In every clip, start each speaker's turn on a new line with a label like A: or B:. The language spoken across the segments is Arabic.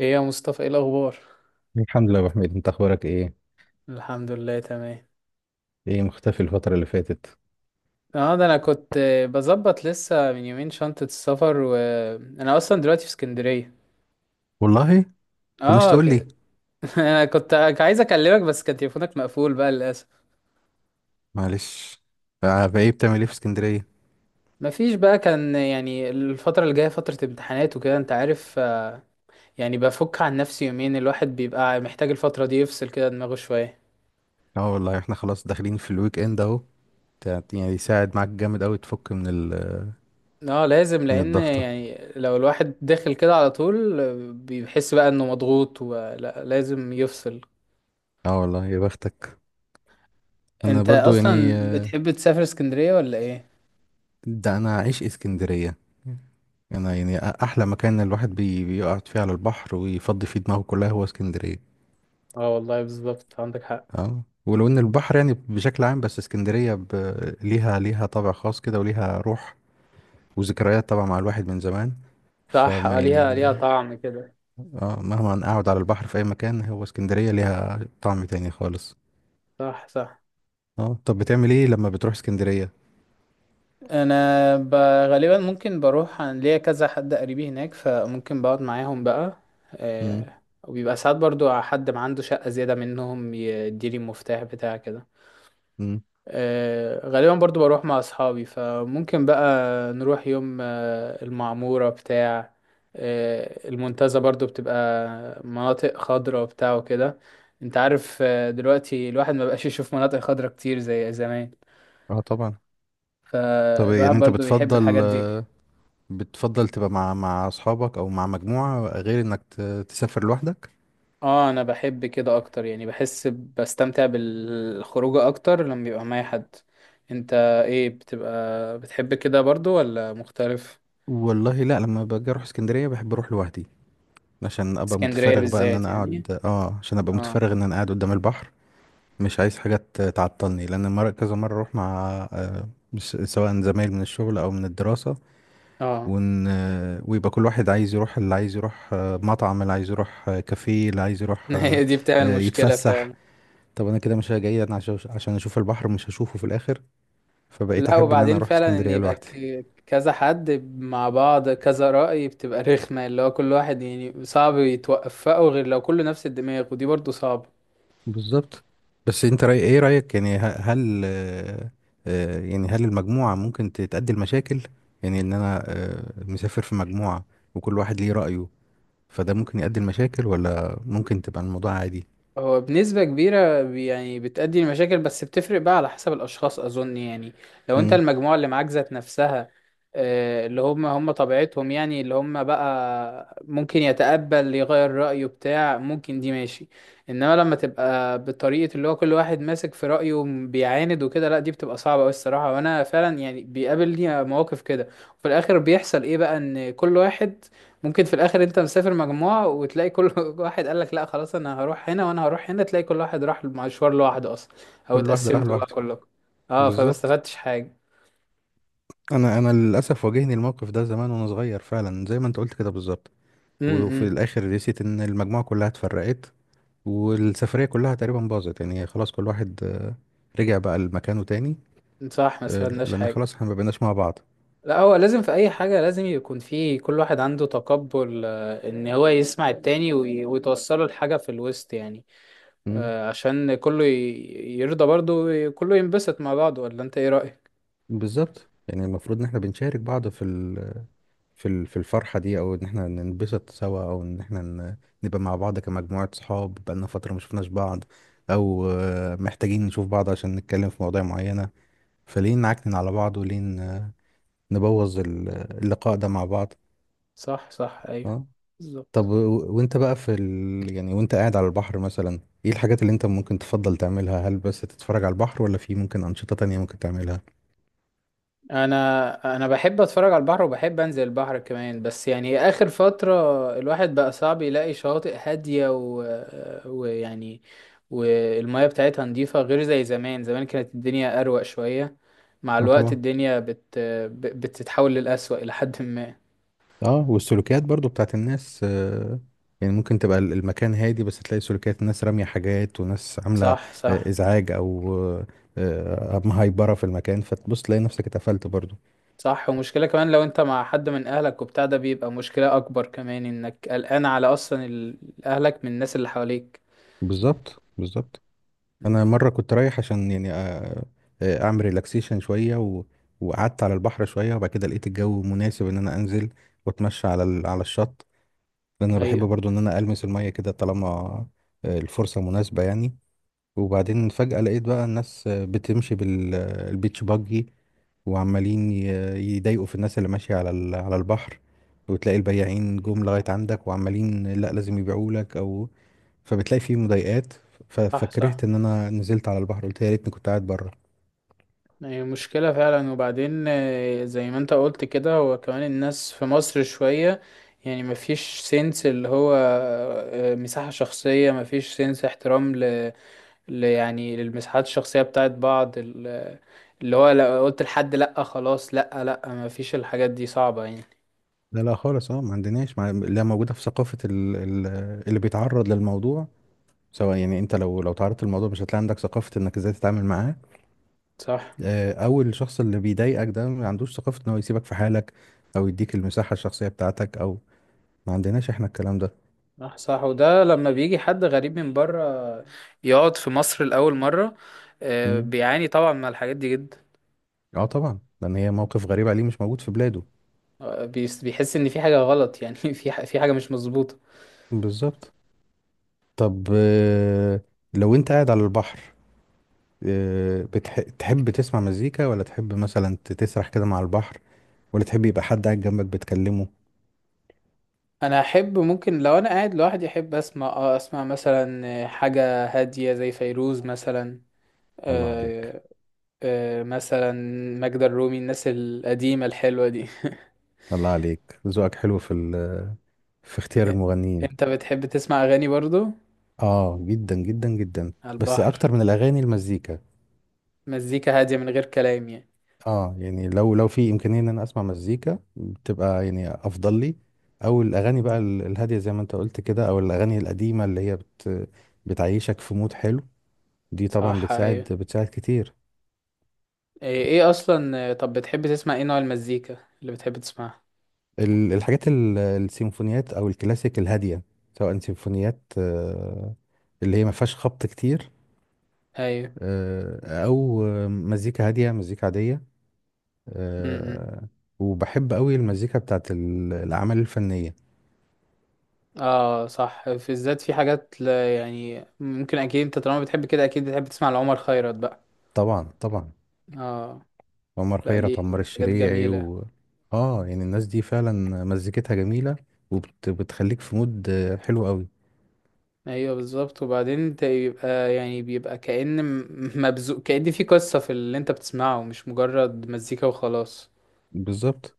A: ايه يا مصطفى، ايه الاخبار؟
B: الحمد لله يا ابو حميد، انت اخبارك ايه؟
A: الحمد لله، تمام.
B: ايه مختفي الفتره اللي فاتت؟
A: اه، ده انا كنت بظبط لسه من يومين شنطة السفر، وانا اصلا دلوقتي في اسكندرية.
B: والله. طب مش
A: اه.
B: تقول لي؟
A: انا كنت عايز اكلمك، بس كان تليفونك مقفول بقى للاسف.
B: معلش. بايه بتعمل ايه في اسكندريه؟
A: مفيش بقى، كان يعني الفترة اللي جاية فترة امتحانات وكده، انت عارف، يعني بفك عن نفسي يومين، الواحد بيبقى محتاج الفترة دي يفصل كده دماغه شوية.
B: اه والله احنا خلاص داخلين في الويك اند اهو. يعني يساعد معاك جامد قوي، تفك من ال...
A: اه لازم،
B: من
A: لان
B: الضغطه.
A: يعني لو الواحد داخل كده على طول بيحس بقى انه مضغوط، ولا لازم يفصل.
B: اه والله يا بختك. انا
A: انت
B: برضو يعني
A: اصلا بتحب تسافر اسكندرية ولا ايه؟
B: ده انا عايش اسكندريه. انا يعني احلى مكان الواحد بيقعد فيه على البحر، ويفضي فيه دماغه، كلها هو اسكندريه.
A: اه والله بالظبط، عندك حق.
B: اه، ولو ان البحر يعني بشكل عام، بس اسكندريه ليها طابع خاص كده، وليها روح، وذكريات طبعا مع الواحد من زمان،
A: صح،
B: فما
A: ليها
B: يعني.
A: ليها طعم كده.
B: اه، مهما اقعد على البحر في اي مكان، هو اسكندرية ليها طعم تاني خالص.
A: صح صح.
B: اه. طب بتعمل ايه لما بتروح اسكندرية؟
A: انا ب... غالبا ممكن بروح، عن ليا كذا حد قريبي هناك فممكن بقعد معاهم بقى.
B: امم.
A: وبيبقى ساعات برضو حد ما عنده شقة زيادة منهم يديلي المفتاح بتاع كده.
B: امم.
A: غالبا برضو بروح مع اصحابي، فممكن بقى نروح يوم المعمورة بتاع، المنتزه، برضو بتبقى مناطق خضرة وبتاع وكده. انت عارف، دلوقتي الواحد ما بقاش يشوف مناطق خضرة كتير زي زمان.
B: اه طبعا. طب
A: فالواحد
B: يعني انت
A: برضو بيحب
B: بتفضل
A: الحاجات دي.
B: بتفضل تبقى مع اصحابك او مع مجموعة، غير انك تسافر لوحدك؟
A: اه انا بحب كده اكتر، يعني بحس بستمتع بالخروجة اكتر لما بيبقى معايا حد. انت ايه، بتبقى بتحب كده برضو ولا مختلف؟
B: والله، لا، لما باجي اروح اسكندرية بحب اروح لوحدي، عشان ابقى
A: اسكندرية
B: متفرغ بقى ان
A: بالذات
B: انا
A: يعني.
B: اقعد، عشان ابقى
A: اه.
B: متفرغ ان انا قاعد قدام البحر. مش عايز حاجة تعطلني، لأن مرة كذا مرة أروح مع آه، سواء زمايل من الشغل أو من الدراسة،
A: اه.
B: ويبقى كل واحد عايز يروح اللي عايز يروح، مطعم اللي عايز يروح، كافيه اللي عايز يروح،
A: هي دي بتعمل مشكلة
B: يتفسح.
A: فعلا.
B: طب أنا كده، مش جاي أنا عشان أشوف البحر، مش هشوفه في الآخر. فبقيت
A: لا،
B: أحب إن أنا
A: وبعدين
B: أروح
A: فعلا ان
B: اسكندرية
A: يبقى
B: لوحدي.
A: كذا حد مع بعض كذا رأي، بتبقى رخمة. اللي هو كل واحد يعني صعب يتوفقوا غير لو كله نفس الدماغ، ودي برضو صعبة.
B: بالظبط. بس أنت رأيك يعني، هل يعني هل المجموعة ممكن تتأدي المشاكل، يعني إن أنا مسافر في مجموعة، وكل واحد ليه رأيه، فده ممكن يؤدي لمشاكل، ولا ممكن تبقى الموضوع عادي؟
A: هو بنسبة كبيرة يعني بتأدي لمشاكل، بس بتفرق بقى على حسب الأشخاص أظن يعني. لو أنت
B: مم.
A: المجموعة اللي معاك ذات نفسها، اللي هم هم طبيعتهم، يعني اللي هم بقى ممكن يتقبل يغير رأيه بتاع، ممكن دي ماشي. إنما لما تبقى بالطريقة اللي هو كل واحد ماسك في رأيه، بيعاند وكده، لا دي بتبقى صعبة أوي الصراحة. وأنا فعلا يعني بيقابلني مواقف كده، وفي الآخر بيحصل إيه بقى، إن كل واحد ممكن في الاخر انت مسافر مجموعة، وتلاقي كل واحد قال لك لا خلاص انا هروح هنا وانا هروح هنا، تلاقي كل واحد راح مشوار لوحده اصلا، او
B: كل واحد راح
A: اتقسمتوا بقى
B: لوحده.
A: كلكم. اه فما
B: بالظبط.
A: استفدتش حاجة.
B: انا للاسف واجهني الموقف ده زمان وانا صغير، فعلا زي ما انت قلت كده بالظبط. وفي
A: امم.
B: الاخر رسيت ان المجموعه كلها اتفرقت، والسفريه كلها تقريبا باظت، يعني خلاص كل واحد رجع بقى لمكانه تاني.
A: إمم. صح، ما استفدناش
B: لان
A: حاجة.
B: خلاص احنا ما بقيناش مع بعض.
A: لا هو لازم في اي حاجة لازم يكون في كل واحد عنده تقبل، ان هو يسمع التاني ويتوصله لحاجة في الوسط يعني.
B: مم.
A: عشان كله يرضى برضه، وكله ينبسط مع بعضه. ولا انت ايه رأيك؟
B: بالظبط، يعني المفروض ان احنا بنشارك بعض في في الفرحة دي، او ان احنا ننبسط سوا، او ان احنا نبقى مع بعض كمجموعة صحاب بقالنا فترة ما شفناش بعض، او محتاجين نشوف بعض عشان نتكلم في مواضيع معينة، فليه نعكنن على بعض، وليه نبوظ اللقاء ده مع بعض؟
A: صح صح ايوه.
B: اه. طب
A: بالظبط.
B: وانت بقى يعني وانت قاعد على البحر مثلا، ايه الحاجات اللي انت ممكن تفضل تعملها؟ هل بس تتفرج على البحر، ولا في ممكن أنشطة تانية ممكن تعملها؟
A: انا بحب اتفرج على البحر، وبحب انزل البحر كمان. بس يعني اخر فترة الواحد بقى صعب يلاقي شواطئ هادية و... ويعني والمياه بتاعتها نظيفة غير زي زمان. زمان كانت الدنيا اروق شوية، مع
B: اه
A: الوقت
B: طبعا.
A: الدنيا بتتحول للأسوأ الى حد ما.
B: اه، والسلوكيات برضو بتاعت الناس يعني ممكن تبقى المكان هادي، بس تلاقي سلوكيات، ناس رامية حاجات وناس عاملة
A: صح صح.
B: إزعاج، أو مهايبرة في المكان، فتبص تلاقي نفسك اتقفلت برضو.
A: صح، ومشكلة كمان لو انت مع حد من اهلك وبتاع ده، بيبقى مشكلة اكبر كمان، انك قلقان على اصلا اهلك من الناس اللي حواليك.
B: بالظبط، بالظبط.
A: مم.
B: أنا مرة كنت رايح عشان يعني أعمل ريلاكسيشن شوية، وقعدت على البحر شوية، وبعد كده لقيت الجو مناسب إن أنا أنزل وأتمشى على الشط، لأن أنا بحب
A: ايوه.
B: برضو إن أنا ألمس المية كده، طالما الفرصة مناسبة يعني. وبعدين فجأة لقيت بقى الناس بتمشي بالبيتش باجي، وعمالين يضايقوا في الناس اللي ماشية على البحر، وتلاقي البياعين جم لغاية عندك، وعمالين لا لازم يبيعوا لك، او فبتلاقي فيه مضايقات.
A: صح صح،
B: فكرهت ان انا نزلت على البحر، قلت يا ريتني كنت قاعد بره.
A: هي مشكلة فعلا. وبعدين زي ما انت قلت كده، هو كمان الناس في مصر شوية يعني مفيش سنس اللي هو، مساحة شخصية، مفيش سنس احترام، يعني للمساحات الشخصية بتاعت بعض. اللي هو لو قلت لحد لأ خلاص، لأ لأ مفيش، الحاجات دي صعبة يعني.
B: لا، لا خالص، ما عندناش، ما، لا موجودة في ثقافة اللي بيتعرض للموضوع، سواء يعني انت لو تعرضت للموضوع، مش هتلاقي عندك ثقافة انك ازاي تتعامل معاه.
A: صح
B: او الشخص اللي بيضايقك ده ما عندوش ثقافة ان هو يسيبك في حالك، او يديك المساحة الشخصية بتاعتك، او ما عندناش احنا الكلام ده.
A: صح. صح، وده لما بيجي حد غريب من بره يقعد في مصر لأول مرة،
B: مم.
A: بيعاني طبعا من الحاجات دي جدا.
B: اه طبعا، لان هي موقف غريب عليه، مش موجود في بلاده.
A: بيحس ان في حاجه غلط، يعني في حاجه مش مظبوطه.
B: بالظبط. طب لو انت قاعد على البحر، تحب تسمع مزيكا، ولا تحب مثلا تسرح كده مع البحر، ولا تحب يبقى حد قاعد جنبك بتكلمه؟
A: انا احب، ممكن لو انا قاعد لوحدي احب اسمع، اسمع مثلا حاجه هاديه زي فيروز مثلا.
B: الله عليك.
A: آه. مثلا ماجدة الرومي، الناس القديمه الحلوه دي.
B: الله عليك، ذوقك حلو في اختيار المغنيين.
A: انت بتحب تسمع اغاني برضو
B: اه، جدا جدا جدا.
A: على
B: بس
A: البحر؟
B: اكتر من الاغاني المزيكا.
A: مزيكا هاديه من غير كلام يعني؟
B: اه يعني، لو في امكانيه ان انا اسمع مزيكا، بتبقى يعني افضل لي، او الاغاني بقى الهاديه، زي ما انت قلت كده، او الاغاني القديمه اللي هي بتعيشك في مود حلو. دي طبعا
A: صح
B: بتساعد
A: ايوه.
B: بتساعد كتير.
A: ايه اصلا، طب بتحب تسمع ايه، نوع المزيكا اللي بتحب تسمعها؟
B: الحاجات السيمفونيات او الكلاسيك الهاديه، سواء سيمفونيات اللي هي ما فيهاش خبط كتير.
A: ايوه.
B: او مزيكا هاديه، مزيكا عاديه.
A: م- م.
B: آه، وبحب قوي المزيكا بتاعت الاعمال الفنيه.
A: اه صح، في الذات في حاجات، لا يعني ممكن اكيد انت طالما بتحب كده اكيد بتحب تسمع لعمر خيرت بقى.
B: طبعا، طبعا.
A: اه.
B: عمر
A: لا
B: خيرت،
A: ليه،
B: عمر
A: حاجات
B: الشريعي،
A: جميلة.
B: و... اه يعني الناس دي فعلا مزيكتها جميلة، وبتخليك في مود حلو قوي.
A: ايوه بالظبط. وبعدين انت يبقى يعني بيبقى كأن مبذوق، كأن في قصة في اللي انت بتسمعه مش مجرد مزيكا وخلاص.
B: بالظبط،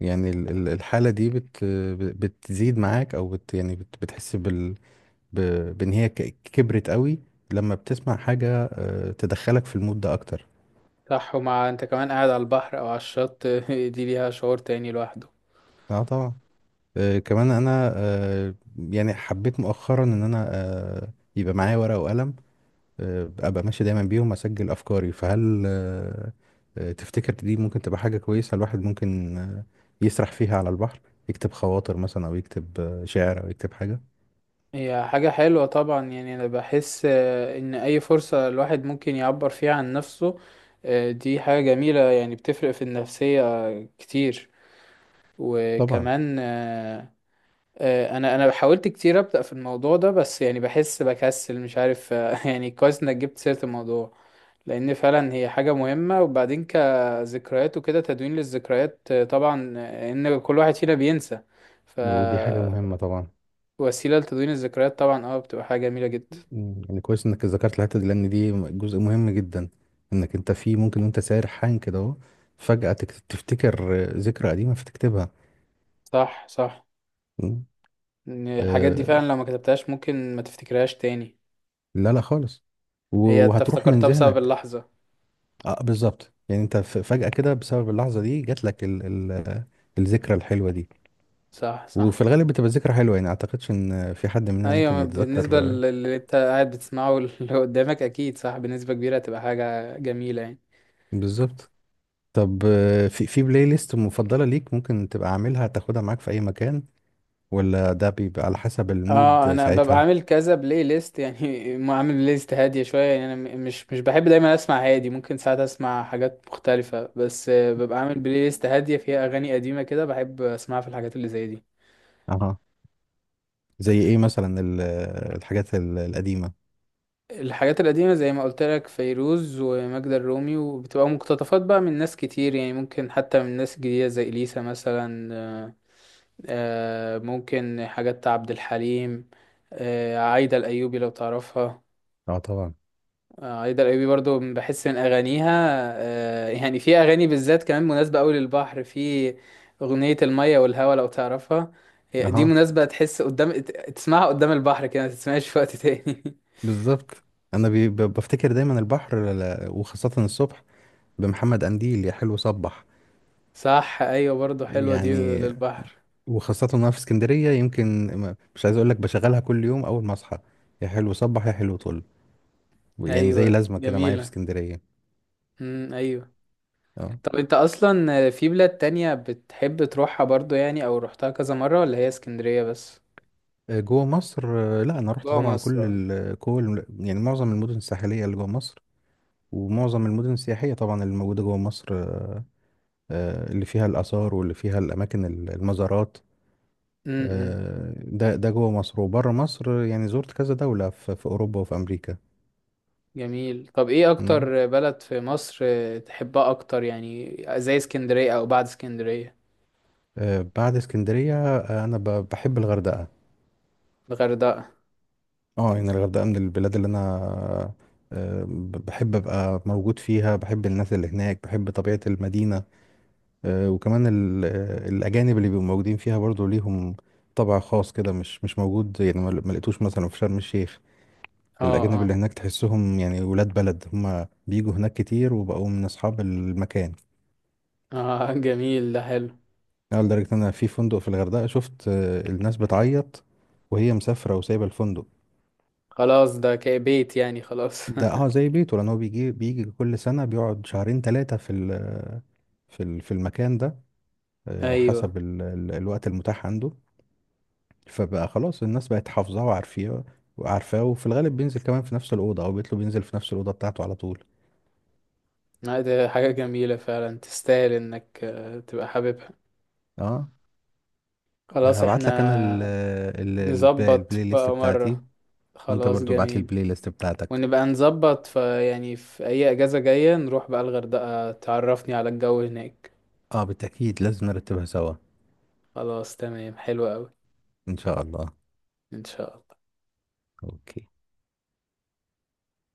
B: يعني الحالة دي بتزيد معاك، او يعني بتحس بان هي كبرت قوي، لما بتسمع حاجة تدخلك في المود ده اكتر.
A: صح، ومع انت كمان قاعد على البحر او على الشط دي ليها شعور تاني لوحده.
B: اه طبعا. كمان انا يعني حبيت مؤخرا ان انا يبقى معايا ورقة وقلم، ابقى ماشي دايما بيهم اسجل افكاري، فهل تفتكر دي ممكن تبقى حاجة كويسة؟ الواحد ممكن يسرح فيها على البحر، يكتب خواطر مثلا، او يكتب شعر، او يكتب حاجة.
A: هي حاجة حلوة طبعا، يعني أنا بحس إن أي فرصة الواحد ممكن يعبر فيها عن نفسه، دي حاجة جميلة، يعني بتفرق في النفسية كتير.
B: طبعا.
A: وكمان أنا حاولت كتير أبدأ في الموضوع ده، بس يعني بحس بكسل مش عارف، يعني كويس إنك جبت سيرة الموضوع. لأن فعلا هي حاجة مهمة، وبعدين كذكريات وكده، تدوين للذكريات طبعا، إن كل واحد فينا بينسى،
B: ودي حاجة مهمة طبعا.
A: فوسيلة لتدوين الذكريات طبعا. اه بتبقى حاجة جميلة جدا.
B: يعني كويس انك ذكرت الحتة دي، لان دي جزء مهم جدا، انك انت في ممكن، وانت سارحان كده اهو، فجأة تفتكر ذكرى قديمة، فتكتبها.
A: صح صح.
B: مم.
A: إن الحاجات دي
B: آه،
A: فعلا لو ما كتبتهاش ممكن ما تفتكرهاش تاني.
B: لا، لا خالص. و-
A: هي انت
B: وهتروح من
A: افتكرتها بسبب
B: ذهنك.
A: اللحظة.
B: اه، بالظبط، يعني انت فجأة كده، بسبب اللحظة دي، جات لك ال ال الذكرى الحلوة دي.
A: صح
B: وفي
A: صح
B: الغالب بتبقى ذكرى حلوة، يعني اعتقدش ان في حد مننا ممكن
A: ايوه، بالنسبة
B: يتذكر
A: للي انت قاعد بتسمعه واللي قدامك، اكيد صح بنسبة كبيرة هتبقى حاجة جميلة يعني.
B: بالظبط. طب، في بلاي ليست مفضلة ليك، ممكن تبقى عاملها، تاخدها معاك في اي مكان، ولا ده بيبقى على حسب
A: اه،
B: المود
A: انا ببقى
B: ساعتها؟
A: عامل كذا بلاي ليست يعني، ما عامل بلاي ليست هادية شوية يعني. انا مش بحب دايما اسمع هادي، ممكن ساعات اسمع حاجات مختلفة، بس ببقى عامل بلاي ليست هادية فيها اغاني قديمة كده بحب اسمعها في الحاجات اللي زي دي.
B: اها. زي ايه مثلا الحاجات القديمة؟
A: الحاجات القديمة زي ما قلت لك، فيروز وماجدة الرومي، وبتبقى مقتطفات بقى من ناس كتير يعني ممكن حتى من ناس جديدة زي إليسا مثلا. ممكن حاجات عبد الحليم. عايدة الأيوبي لو تعرفها.
B: اه طبعا.
A: عايدة الأيوبي برضو بحس من أغانيها، يعني في أغاني بالذات كمان مناسبة أوي للبحر، في أغنية المية والهوا لو تعرفها. هي دي
B: اها.
A: مناسبة، تحس قدام، تسمعها قدام البحر كده، ما تسمعهاش في وقت تاني
B: بالظبط، انا بفتكر دايما البحر، وخاصة الصبح، بمحمد قنديل، يا حلو صبح.
A: صح ايوه، برضو حلوه دي
B: يعني،
A: للبحر.
B: وخاصة وانا في اسكندرية، يمكن مش عايز اقول لك بشغلها كل يوم اول ما اصحى، يا حلو صبح يا حلو طل، يعني زي
A: ايوه
B: لازمة كده معايا في
A: جميلة.
B: اسكندرية.
A: ايوه.
B: اه.
A: طب انت اصلا في بلاد تانية بتحب تروحها برضو يعني، او روحتها كذا مرة، ولا هي اسكندرية بس؟
B: جوه مصر، لا، انا رحت
A: جوه
B: طبعا
A: مصر
B: كل
A: اه.
B: كل يعني معظم المدن الساحلية اللي جوه مصر، ومعظم المدن السياحية طبعا اللي موجودة جوه مصر، اللي فيها الآثار، واللي فيها الأماكن المزارات.
A: امم.
B: ده جوه مصر، وبره مصر، يعني زرت كذا دولة في أوروبا وفي أمريكا.
A: جميل. طب ايه
B: مم.
A: اكتر بلد في مصر تحبها اكتر يعني، زي اسكندرية او بعد اسكندرية؟
B: بعد اسكندرية، أنا بحب الغردقة.
A: الغردقة.
B: اه يعني الغردقة من البلاد اللي أنا بحب أبقى موجود فيها، بحب الناس اللي هناك، بحب طبيعة المدينة، وكمان الأجانب اللي بيبقوا موجودين فيها برضو ليهم طبع خاص كده، مش موجود يعني، ما لقيتوش مثلا في شرم الشيخ.
A: اه
B: الأجانب اللي
A: اه
B: هناك تحسهم يعني ولاد بلد، هما بيجوا هناك كتير وبقوا من أصحاب المكان.
A: اه. جميل، ده حلو.
B: أنا لدرجة إن أنا في فندق في الغردقة شفت الناس بتعيط وهي مسافرة وسايبة الفندق.
A: خلاص ده كبيت يعني، خلاص
B: ده زي بيته، لان هو بيجي بيجي كل سنه، بيقعد شهرين ثلاثه في المكان ده،
A: ايوه.
B: حسب ال ال الوقت المتاح عنده. فبقى خلاص الناس بقت حافظاه وعارفاه، وفي الغالب بينزل كمان في نفس الاوضه، او بيطلب ينزل في نفس الاوضه بتاعته على طول.
A: لا، ده حاجة جميلة فعلا، تستاهل انك تبقى حاببها.
B: اه.
A: خلاص
B: هبعت
A: احنا
B: لك انا ال ال البلاي,
A: نظبط
B: البلاي ليست
A: بقى
B: بتاعتي،
A: مرة.
B: وانت
A: خلاص
B: برضو ابعت لي
A: جميل.
B: البلاي ليست بتاعتك.
A: ونبقى نظبط في أي أجازة جاية نروح بقى الغردقة، تعرفني على الجو هناك.
B: اه، بالتاكيد لازم نرتبها سوا.
A: خلاص تمام، حلو أوي.
B: ان شاء الله.
A: إن شاء الله.
B: اوكي.